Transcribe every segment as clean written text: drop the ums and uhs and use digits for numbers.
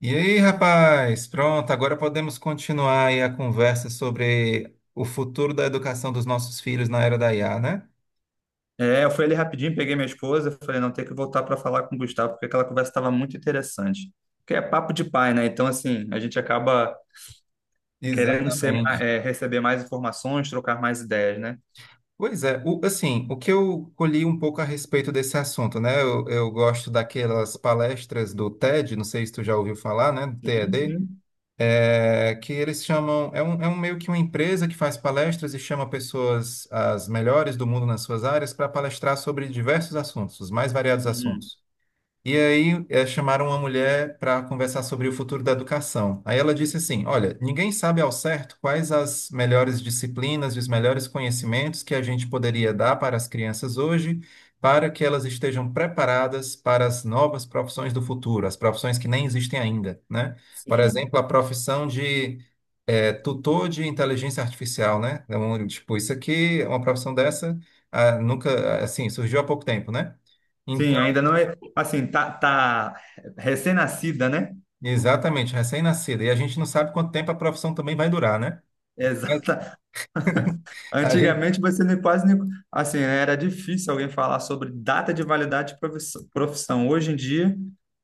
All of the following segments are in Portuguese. E aí, rapaz? Pronto, agora podemos continuar aí a conversa sobre o futuro da educação dos nossos filhos na era da IA, né? É, eu fui ali rapidinho, peguei minha esposa, falei, não, tem que voltar para falar com o Gustavo, porque aquela conversa estava muito interessante. Porque é papo de pai, né? Então, assim, a gente acaba querendo ser, Exatamente. é, receber mais informações, trocar mais ideias, né? Pois é, assim, o que eu colhi um pouco a respeito desse assunto, né? Eu gosto daquelas palestras do TED, não sei se tu já ouviu falar, né? Do Sim, TED, sim. é, que eles chamam, é um meio que uma empresa que faz palestras e chama pessoas as melhores do mundo nas suas áreas para palestrar sobre diversos assuntos, os mais variados Uhum. assuntos. E aí chamaram uma mulher para conversar sobre o futuro da educação. Aí ela disse assim: olha, ninguém sabe ao certo quais as melhores disciplinas e os melhores conhecimentos que a gente poderia dar para as crianças hoje, para que elas estejam preparadas para as novas profissões do futuro, as profissões que nem existem ainda, né? Por Sim. exemplo, a profissão de tutor de inteligência artificial, né? Então, tipo, isso aqui, é uma profissão dessa, ah, nunca, assim, surgiu há pouco tempo, né? Sim, Então, ainda não é, assim, tá recém-nascida, né? exatamente, recém-nascida. E a gente não sabe quanto tempo a profissão também vai durar, né? Mas Exato. a gente, Antigamente você nem quase nem, assim, né, era difícil alguém falar sobre data de validade de profissão. Hoje em dia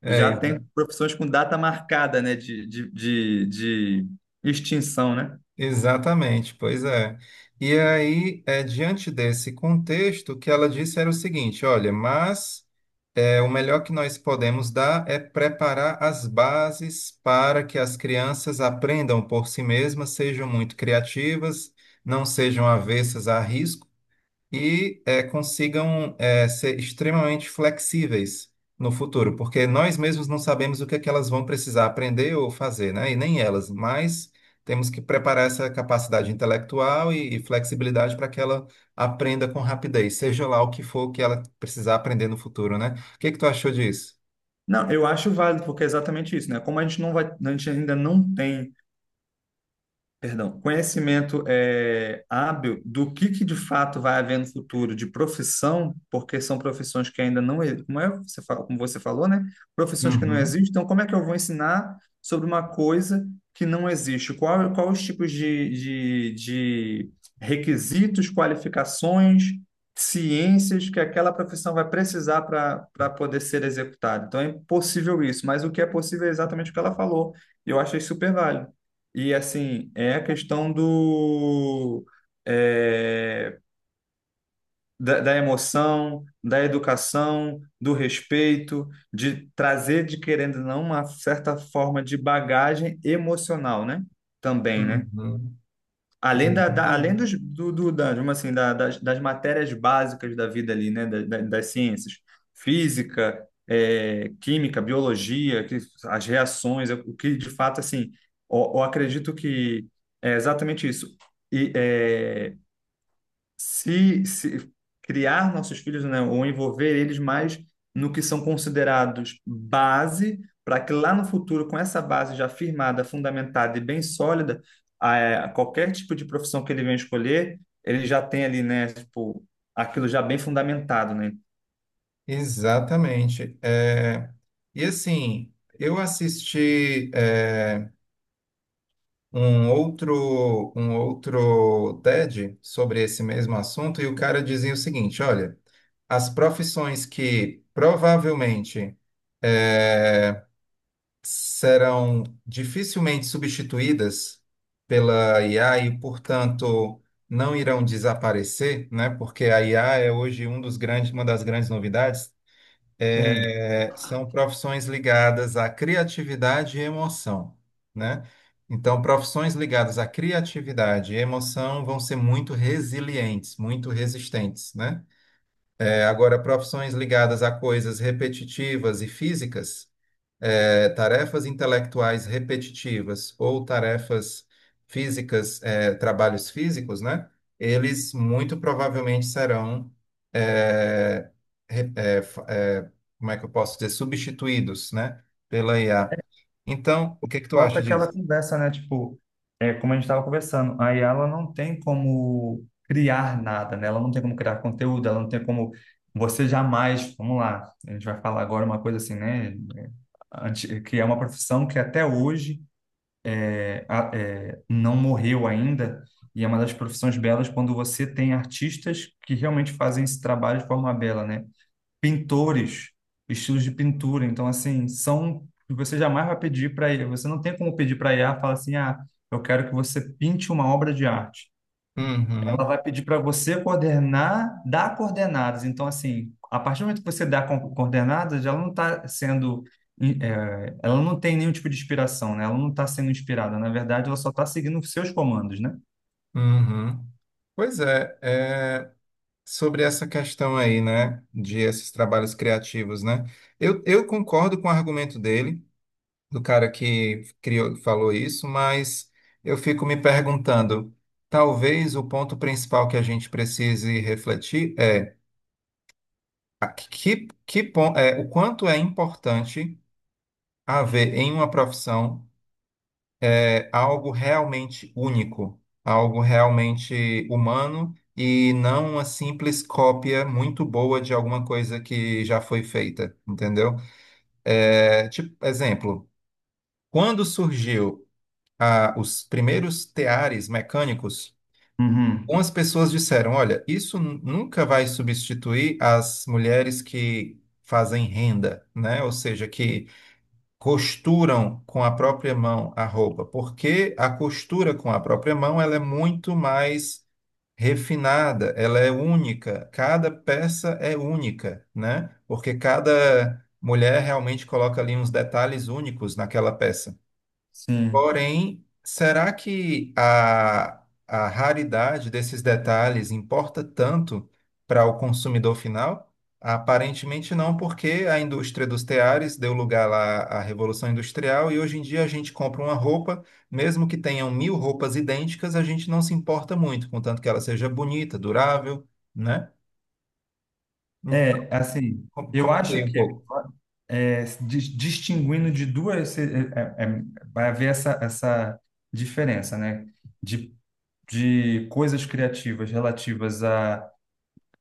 é, já tem profissões com data marcada, né, de extinção, né? exatamente, pois é. E aí, é, diante desse contexto, o que ela disse era o seguinte: olha, mas é, o melhor que nós podemos dar é preparar as bases para que as crianças aprendam por si mesmas, sejam muito criativas, não sejam avessas a riscos e consigam ser extremamente flexíveis no futuro, porque nós mesmos não sabemos o que é que elas vão precisar aprender ou fazer, né? E nem elas, mas temos que preparar essa capacidade intelectual e flexibilidade para que ela aprenda com rapidez, seja lá o que for que ela precisar aprender no futuro, né? O que é que tu achou disso? Não, eu acho válido porque é exatamente isso, né? Como a gente não vai, a gente ainda não tem. Perdão, conhecimento é, hábil do que de fato vai haver no futuro de profissão, porque são profissões que ainda não, como é, você fala, como você falou, né? Profissões que não Uhum, existem. Então, como é que eu vou ensinar sobre uma coisa que não existe? Qual os tipos de requisitos, qualificações, ciências que aquela profissão vai precisar para poder ser executada? Então, é impossível isso, mas o que é possível é exatamente o que ela falou. E eu achei super válido. E assim, é a questão é, da emoção, da educação, do respeito, de trazer, de querendo ou não, uma certa forma de bagagem emocional, né? Também, né? uhum. Além além Exatamente. dos, do, do- da, digamos assim, das matérias básicas da vida ali, né, das ciências, física, química, biologia, que, as reações, é, o que de fato, assim, eu acredito que é exatamente isso. E, é, se criar nossos filhos, né, ou envolver eles mais no que são considerados base, para que lá no futuro, com essa base já firmada, fundamentada e bem sólida, a, qualquer tipo de profissão que ele venha escolher, ele já tem ali, né, tipo, aquilo já bem fundamentado, né? Exatamente. E assim, eu assisti. Um outro, um outro TED sobre esse mesmo assunto e o cara dizia o seguinte: olha, as profissões que provavelmente eh, serão dificilmente substituídas pela IA e, portanto, não irão desaparecer, né? Porque a IA é hoje um dos grandes, uma das grandes novidades Sim. é, são profissões ligadas à criatividade e emoção, né? Então, profissões ligadas à criatividade e emoção vão ser muito resilientes, muito resistentes, né? É, agora, profissões ligadas a coisas repetitivas e físicas é, tarefas intelectuais repetitivas ou tarefas físicas, é, trabalhos físicos, né? Eles muito provavelmente serão, é, re- é, fa- é, como é que eu posso dizer, substituídos, né? Pela IA. Então, o que que tu Volta acha aquela disso? conversa, né? Tipo, é como a gente estava conversando, aí ela não tem como criar nada, né? Ela não tem como criar conteúdo, ela não tem como você jamais, vamos lá, a gente vai falar agora uma coisa assim, né? Que é uma profissão que até hoje é, é, não morreu ainda e é uma das profissões belas quando você tem artistas que realmente fazem esse trabalho de forma bela, né? Pintores, estilos de pintura. Então, assim, são que você jamais vai pedir para IA. Você não tem como pedir para IA falar assim, ah, eu quero que você pinte uma obra de arte. Ela Uhum, vai pedir para você coordenar, dar coordenadas. Então, assim, a partir do momento que você dá coordenadas, ela não está sendo, ela não tem nenhum tipo de inspiração, né? Ela não está sendo inspirada. Na verdade, ela só está seguindo os seus comandos, né? uhum. Pois é, é, sobre essa questão aí, né, de esses trabalhos criativos, né? Eu concordo com o argumento dele, do cara que criou, falou isso, mas eu fico me perguntando, talvez o ponto principal que a gente precise refletir é a que pon- é, o quanto é importante haver em uma profissão é, algo realmente único, algo realmente humano e não uma simples cópia muito boa de alguma coisa que já foi feita, entendeu? É, tipo, exemplo, quando surgiu os primeiros teares mecânicos, Uhum. algumas pessoas disseram: olha, isso nunca vai substituir as mulheres que fazem renda, né? Ou seja, que costuram com a própria mão a roupa, porque a costura com a própria mão ela é muito mais refinada, ela é única, cada peça é única, né? Porque cada mulher realmente coloca ali uns detalhes únicos naquela peça. Sim. Porém, será que a raridade desses detalhes importa tanto para o consumidor final? Aparentemente não, porque a indústria dos teares deu lugar lá à Revolução Industrial e hoje em dia a gente compra uma roupa, mesmo que tenham mil roupas idênticas, a gente não se importa muito, contanto que ela seja bonita, durável, né? Hum, É, assim, eu comentei acho um que pouco. é, distinguindo de duas, é, vai haver essa diferença, né? De, de coisas criativas relativas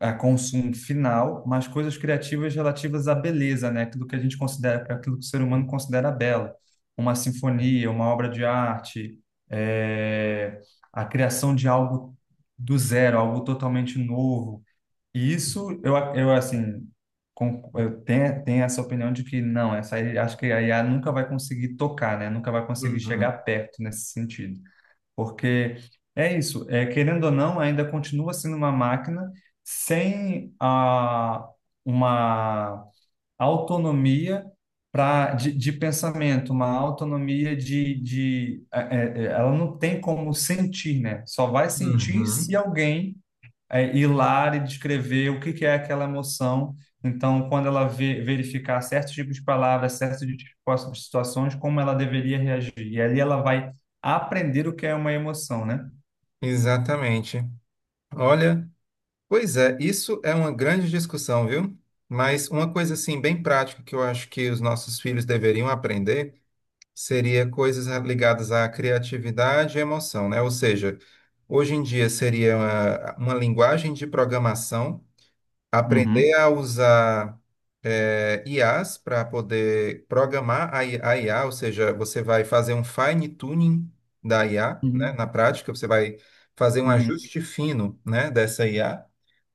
a consumo final, mas coisas criativas relativas à beleza, né? Aquilo que a gente considera, aquilo que o ser humano considera belo. Uma sinfonia, uma obra de arte, é, a criação de algo do zero, algo totalmente novo e isso, eu assim, eu tenho, tenho essa opinião de que não, essa aí, acho que a IA nunca vai conseguir tocar, né? Nunca vai conseguir chegar Uhum, perto nesse sentido. Porque é isso, é, querendo ou não, ainda continua sendo uma máquina sem a, uma autonomia pra, de pensamento, uma autonomia de, ela não tem como sentir, né? Só vai sentir se uhum. alguém é, ir lá e descrever o que é aquela emoção. Então, quando ela verificar certos tipos de palavras, certos tipos de situações, como ela deveria reagir. E ali ela vai aprender o que é uma emoção, né? Exatamente. Olha. Pois é, isso é uma grande discussão, viu? Mas uma coisa assim bem prática que eu acho que os nossos filhos deveriam aprender seria coisas ligadas à criatividade e emoção, né? Ou seja, hoje em dia seria uma linguagem de programação, aprender Uhum. a usar IAs para poder programar a a IA, ou seja, você vai fazer um fine tuning da IA, né? Uhum. Na prática, você vai fazer um Uhum. ajuste fino, né, dessa IA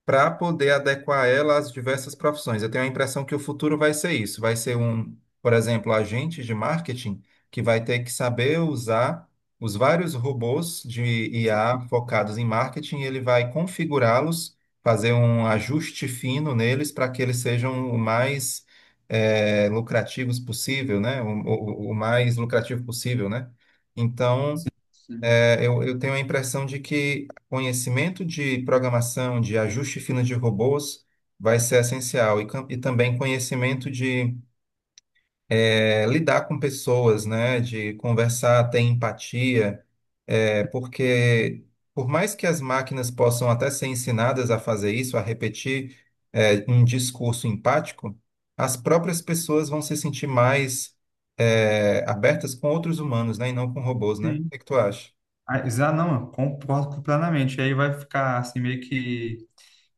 para poder adequar ela às diversas profissões. Eu tenho a impressão que o futuro vai ser isso, vai ser um, por exemplo, agente de marketing que vai ter que saber usar os vários robôs de Certo, IA focados em marketing, e ele vai configurá-los, fazer um ajuste fino neles para que eles sejam o mais lucrativos possível, né? O mais lucrativo possível, né? Então, sim, sim. é, eu tenho a impressão de que conhecimento de programação, de ajuste fino de robôs, vai ser essencial. E, e também conhecimento de lidar com pessoas, né? De conversar, ter empatia. Porque, por mais que as máquinas possam até ser ensinadas a fazer isso, a repetir um discurso empático, as próprias pessoas vão se sentir mais abertas com outros humanos, né? E não com robôs, né? O Sim. que é que tu acha? Ah, não, eu concordo plenamente. Aí vai ficar assim meio que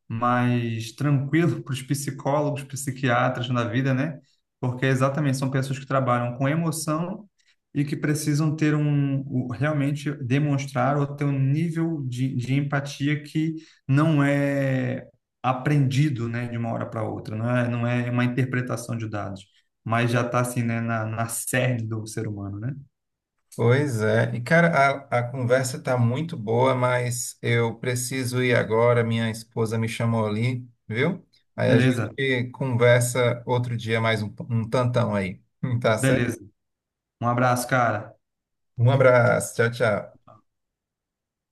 mais tranquilo para os psicólogos, psiquiatras na vida, né? Porque é exatamente são pessoas que trabalham com emoção e que precisam ter um, realmente demonstrar ou ter um nível de empatia que não é aprendido, né, de uma hora para outra, não é, não é uma interpretação de dados, mas já está assim, né, na cerne do ser humano, né? Pois é. E, cara, a conversa tá muito boa, mas eu preciso ir agora. Minha esposa me chamou ali, viu? Aí a Beleza, gente conversa outro dia mais um tantão aí. Tá certo? beleza. Um abraço, cara. Um abraço. Tchau, tchau.